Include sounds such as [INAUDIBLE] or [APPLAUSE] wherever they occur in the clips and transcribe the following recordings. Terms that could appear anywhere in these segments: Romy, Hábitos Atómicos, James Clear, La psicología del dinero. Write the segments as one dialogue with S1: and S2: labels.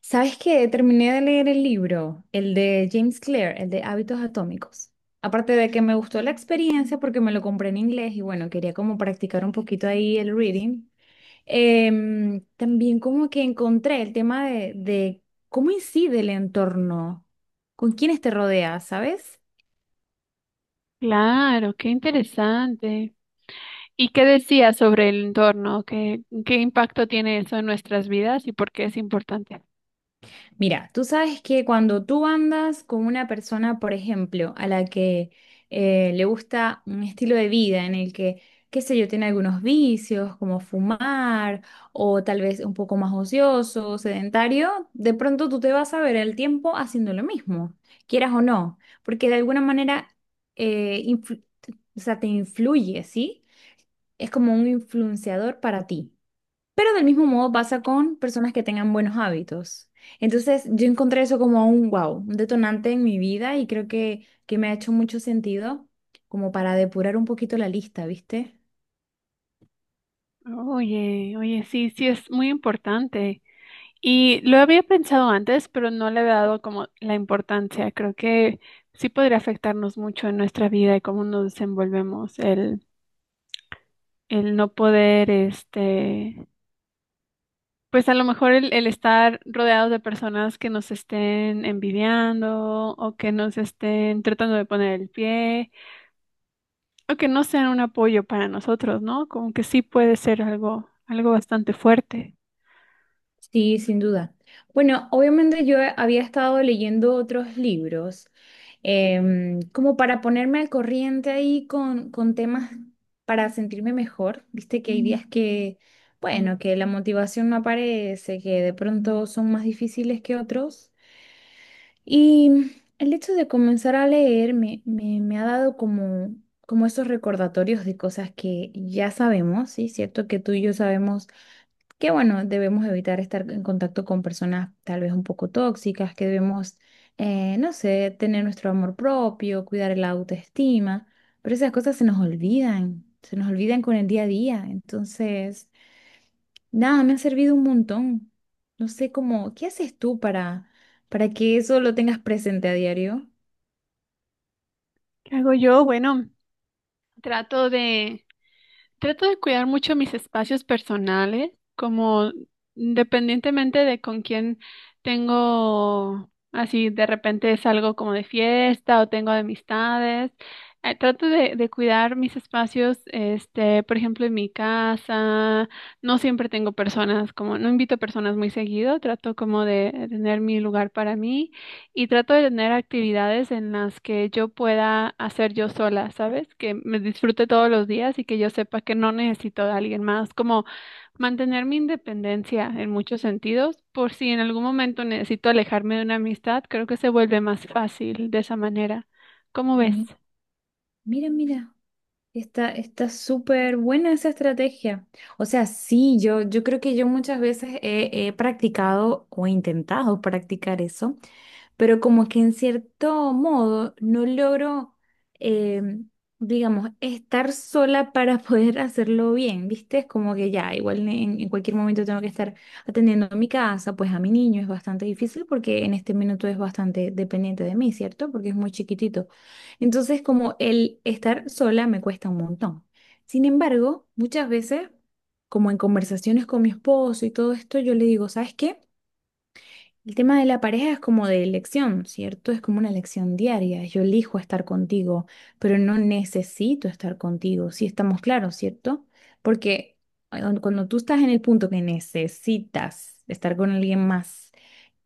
S1: ¿Sabes qué? Terminé de leer el libro, el de James Clear, el de Hábitos Atómicos. Aparte de que me gustó la experiencia porque me lo compré en inglés y bueno, quería como practicar un poquito ahí el reading. También como que encontré el tema de cómo incide el entorno, con quiénes te rodeas, ¿sabes?
S2: Claro, qué interesante. ¿Y qué decías sobre el entorno? ¿Qué impacto tiene eso en nuestras vidas y por qué es importante?
S1: Mira, tú sabes que cuando tú andas con una persona, por ejemplo, a la que le gusta un estilo de vida en el que, qué sé yo, tiene algunos vicios como fumar o tal vez un poco más ocioso, sedentario, de pronto tú te vas a ver el tiempo haciendo lo mismo, quieras o no, porque de alguna manera eh, influ- o sea, te influye, ¿sí? Es como un influenciador para ti. Pero del mismo modo pasa con personas que tengan buenos hábitos. Entonces, yo encontré eso como un wow, un detonante en mi vida y creo que me ha hecho mucho sentido como para depurar un poquito la lista, ¿viste?
S2: Oye, oye, sí, sí, es muy importante. Y lo había pensado antes, pero no le había dado como la importancia. Creo que sí podría afectarnos mucho en nuestra vida y cómo nos desenvolvemos, el no poder, este, pues a lo mejor el estar rodeados de personas que nos estén envidiando o que nos estén tratando de poner el pie o que no sean un apoyo para nosotros, ¿no? Como que sí puede ser algo, algo bastante fuerte.
S1: Sí, sin duda. Bueno, obviamente yo había estado leyendo otros libros, como para ponerme al corriente ahí con temas para sentirme mejor. Viste que hay días que, bueno, que la motivación no aparece, que de pronto son más difíciles que otros. Y el hecho de comenzar a leer me ha dado como, como esos recordatorios de cosas que ya sabemos, ¿sí? Cierto que tú y yo sabemos que bueno, debemos evitar estar en contacto con personas tal vez un poco tóxicas, que debemos, no sé, tener nuestro amor propio, cuidar la autoestima, pero esas cosas se nos olvidan con el día a día. Entonces, nada, me ha servido un montón. No sé cómo, ¿qué haces tú para que eso lo tengas presente a diario?
S2: ¿Qué hago yo? Bueno. Trato de, trato de cuidar mucho mis espacios personales, como independientemente de con quién tengo, así de repente salgo como de fiesta o tengo amistades. Trato de cuidar mis espacios, este, por ejemplo, en mi casa. No siempre tengo personas, como no invito personas muy seguido. Trato como de tener mi lugar para mí. Y trato de tener actividades en las que yo pueda hacer yo sola, ¿sabes? Que me disfrute todos los días y que yo sepa que no necesito de alguien más, como mantener mi independencia en muchos sentidos, por si en algún momento necesito alejarme de una amistad, creo que se vuelve más fácil de esa manera. ¿Cómo ves?
S1: Mi- Mira, mira. Está, está súper buena esa estrategia. O sea, sí, yo creo que yo muchas veces he practicado o he intentado practicar eso, pero como que en cierto modo no logro, eh, digamos, estar sola para [LAUGHS] poder hacerlo bien, ¿viste? Es como que ya, igual en cualquier momento tengo que estar atendiendo a mi casa, pues a mi niño es bastante difícil porque en este minuto es bastante dependiente de mí, ¿cierto? Porque es muy chiquitito. Entonces, como el estar sola me cuesta un montón. Sin embargo, muchas veces, como en conversaciones con mi esposo y todo esto, yo le digo, ¿sabes qué? El tema de la pareja es como de elección, ¿cierto? Es como una elección diaria. Yo elijo estar contigo, pero no necesito estar contigo. Si estamos claros, ¿cierto? Porque cuando tú estás en el punto que necesitas estar con alguien más,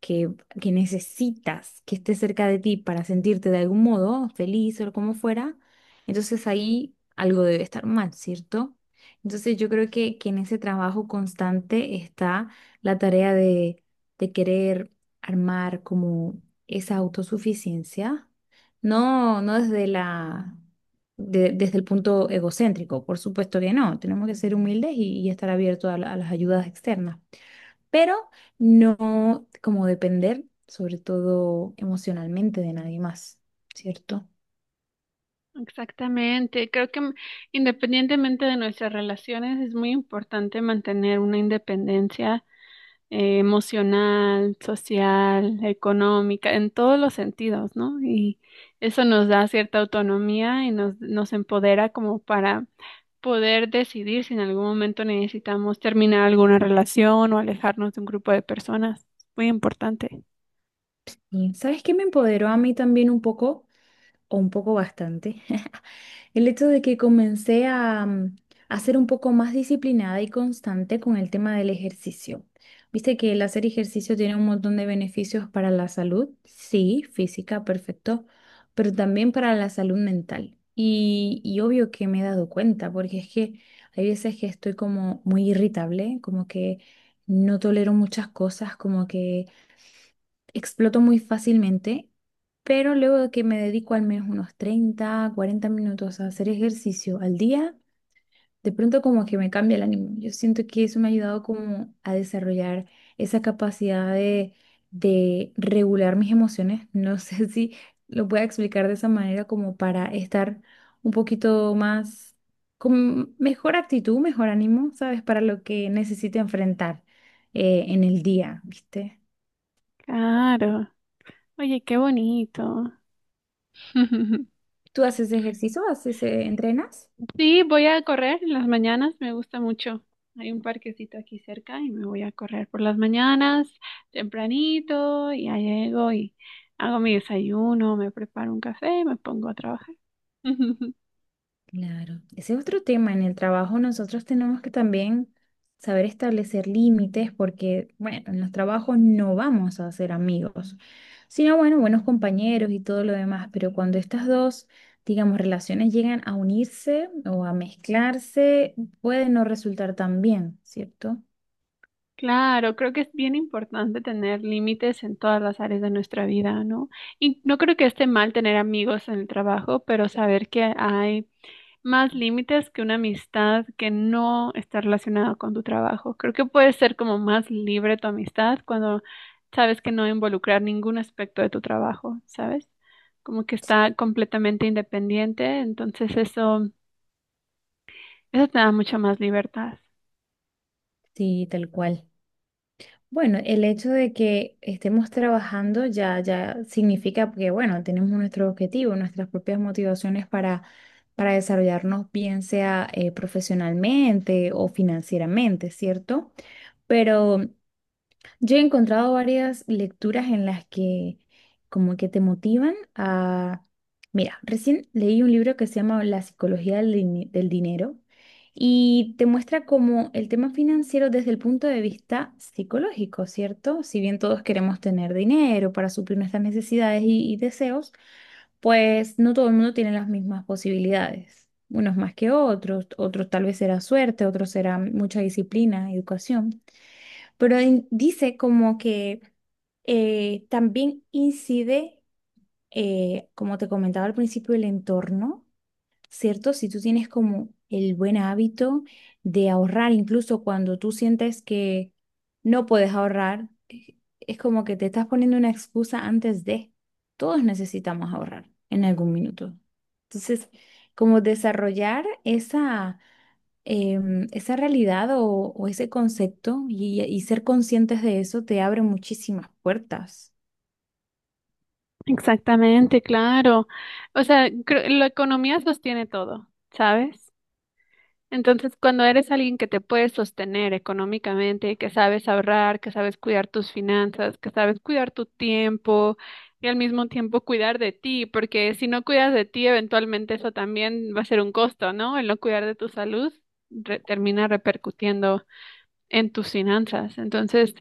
S1: que, que necesitas que esté cerca de ti para sentirte de algún modo feliz o como fuera, entonces ahí algo debe estar mal, ¿cierto? Entonces yo creo que en ese trabajo constante está la tarea de querer armar como esa autosuficiencia, no, no desde desde el punto egocéntrico, por supuesto que no, tenemos que ser humildes y estar abiertos a las ayudas externas, pero no como depender, sobre todo emocionalmente, de nadie más, ¿cierto?
S2: Exactamente, creo que independientemente de nuestras relaciones es muy importante mantener una independencia emocional, social, económica, en todos los sentidos, ¿no? Y eso nos da cierta autonomía y nos empodera como para poder decidir si en algún momento necesitamos terminar alguna relación o alejarnos de un grupo de personas. Es muy importante.
S1: Y ¿sabes qué me empoderó a mí también un poco? O un poco bastante, [LAUGHS] el hecho de que comencé a ser un poco más disciplinada y constante con el tema del ejercicio. Viste que el hacer ejercicio tiene un montón de beneficios para la salud, sí, física, perfecto, pero también para la salud mental. Y obvio que me he dado cuenta, porque es que hay veces que estoy como muy irritable, como que no tolero muchas cosas, como que exploto muy fácilmente, pero luego de que me dedico al menos unos 30, 40 minutos a hacer ejercicio al día, de pronto como que me cambia el ánimo. Yo siento que eso me ha ayudado como a desarrollar esa capacidad de, regular mis emociones. No [LAUGHS] sé si lo pueda explicar de esa manera como para estar un poquito más con mejor actitud, mejor ánimo, ¿sabes? Para lo que necesite enfrentar en el día, ¿viste?
S2: Claro. Oye, qué bonito. [LAUGHS]
S1: ¿Tú haces ejercicio? ¿Haces, entrenas?
S2: Sí, voy a correr en las mañanas, me gusta mucho. Hay un parquecito aquí cerca y me voy a correr por las mañanas, tempranito, y ya llego y hago mi desayuno, me preparo un café y me pongo a trabajar. [LAUGHS]
S1: Claro. Ese es otro tema. En el trabajo nosotros tenemos que también saber establecer límites porque, bueno, en los trabajos no vamos a ser amigos, sino, bueno, buenos compañeros y todo lo demás. Pero cuando estas dos, digamos, relaciones llegan a unirse o a mezclarse, puede no resultar tan bien, ¿cierto?
S2: Claro, creo que es bien importante tener límites en todas las áreas de nuestra vida, ¿no? Y no creo que esté mal tener amigos en el trabajo, pero saber que hay más límites que una amistad que no está relacionada con tu trabajo. Creo que puede ser como más libre tu amistad cuando sabes que no involucrar ningún aspecto de tu trabajo, ¿sabes? Como que está completamente independiente, entonces eso te da mucha más libertad.
S1: Sí, tal cual. Bueno, el hecho de que estemos trabajando ya, ya significa que, bueno, tenemos nuestro objetivo, nuestras propias motivaciones para desarrollarnos, bien sea profesionalmente o financieramente, ¿cierto? Pero yo he encontrado varias lecturas en las que como que te motivan a... Mira, recién leí un libro que se llama La psicología del dinero y te muestra como el tema financiero desde el punto de vista psicológico, ¿cierto? Si bien todos queremos tener dinero para suplir nuestras necesidades y deseos, pues no todo el mundo tiene las mismas posibilidades. Unos más que otros, otros tal vez será suerte, otros será mucha disciplina, educación, pero dice como que también incide, como te comentaba al principio, el entorno, ¿cierto? Si tú tienes como el buen hábito de ahorrar, incluso cuando tú sientes que no puedes ahorrar, es como que te estás poniendo una excusa antes de. Todos necesitamos ahorrar en algún minuto. Entonces, como desarrollar esa esa realidad o, ese concepto y ser conscientes de eso te abre muchísimas puertas.
S2: Exactamente, claro. O sea, la economía sostiene todo, ¿sabes? Entonces, cuando eres alguien que te puedes sostener económicamente, que sabes ahorrar, que sabes cuidar tus finanzas, que sabes cuidar tu tiempo y al mismo tiempo cuidar de ti, porque si no cuidas de ti, eventualmente eso también va a ser un costo, ¿no? El no cuidar de tu salud termina repercutiendo en tus finanzas. Entonces,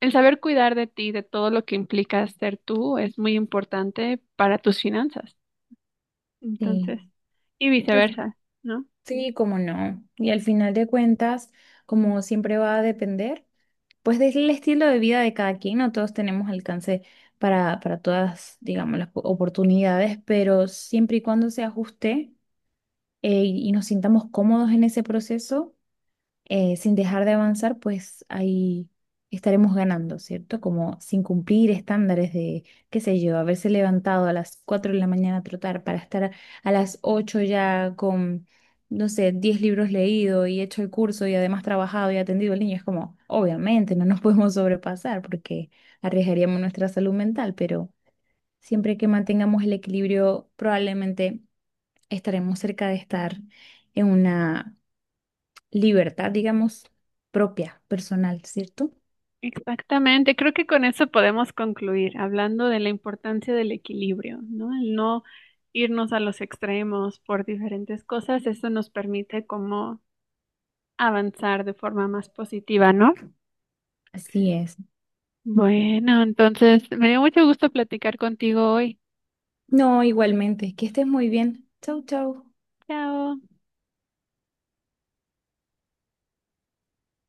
S2: el saber cuidar de ti, de todo lo que implica ser tú, es muy importante para tus finanzas.
S1: Sí,
S2: Entonces, y
S1: Al-
S2: viceversa, ¿no?
S1: sí, como no. Y al final de cuentas, como siempre va a depender, pues del estilo de vida de cada quien, no todos tenemos alcance para todas, digamos, las oportunidades, pero siempre y cuando se ajuste y nos sintamos cómodos en ese proceso sin dejar de avanzar, pues ahí estaremos ganando, ¿cierto? Como sin cumplir estándares de, qué sé yo, haberse levantado a las 4 de la mañana a trotar para estar a las 8 ya con, no sé, 10 libros leídos y hecho el curso y además trabajado y atendido al niño. Es como, obviamente, no nos [LAUGHS] podemos sobrepasar porque arriesgaríamos nuestra salud mental, pero siempre que mantengamos el equilibrio, probablemente estaremos cerca de estar en una libertad, digamos, propia, personal, ¿cierto?
S2: Exactamente, creo que con eso podemos concluir, hablando de la importancia del equilibrio, ¿no? El no irnos a los extremos por diferentes cosas, eso nos permite como avanzar de forma más positiva, ¿no?
S1: Así es.
S2: Bueno, entonces me dio mucho gusto platicar contigo hoy.
S1: No, igualmente, que estés muy bien. Chau, chau.
S2: Chao.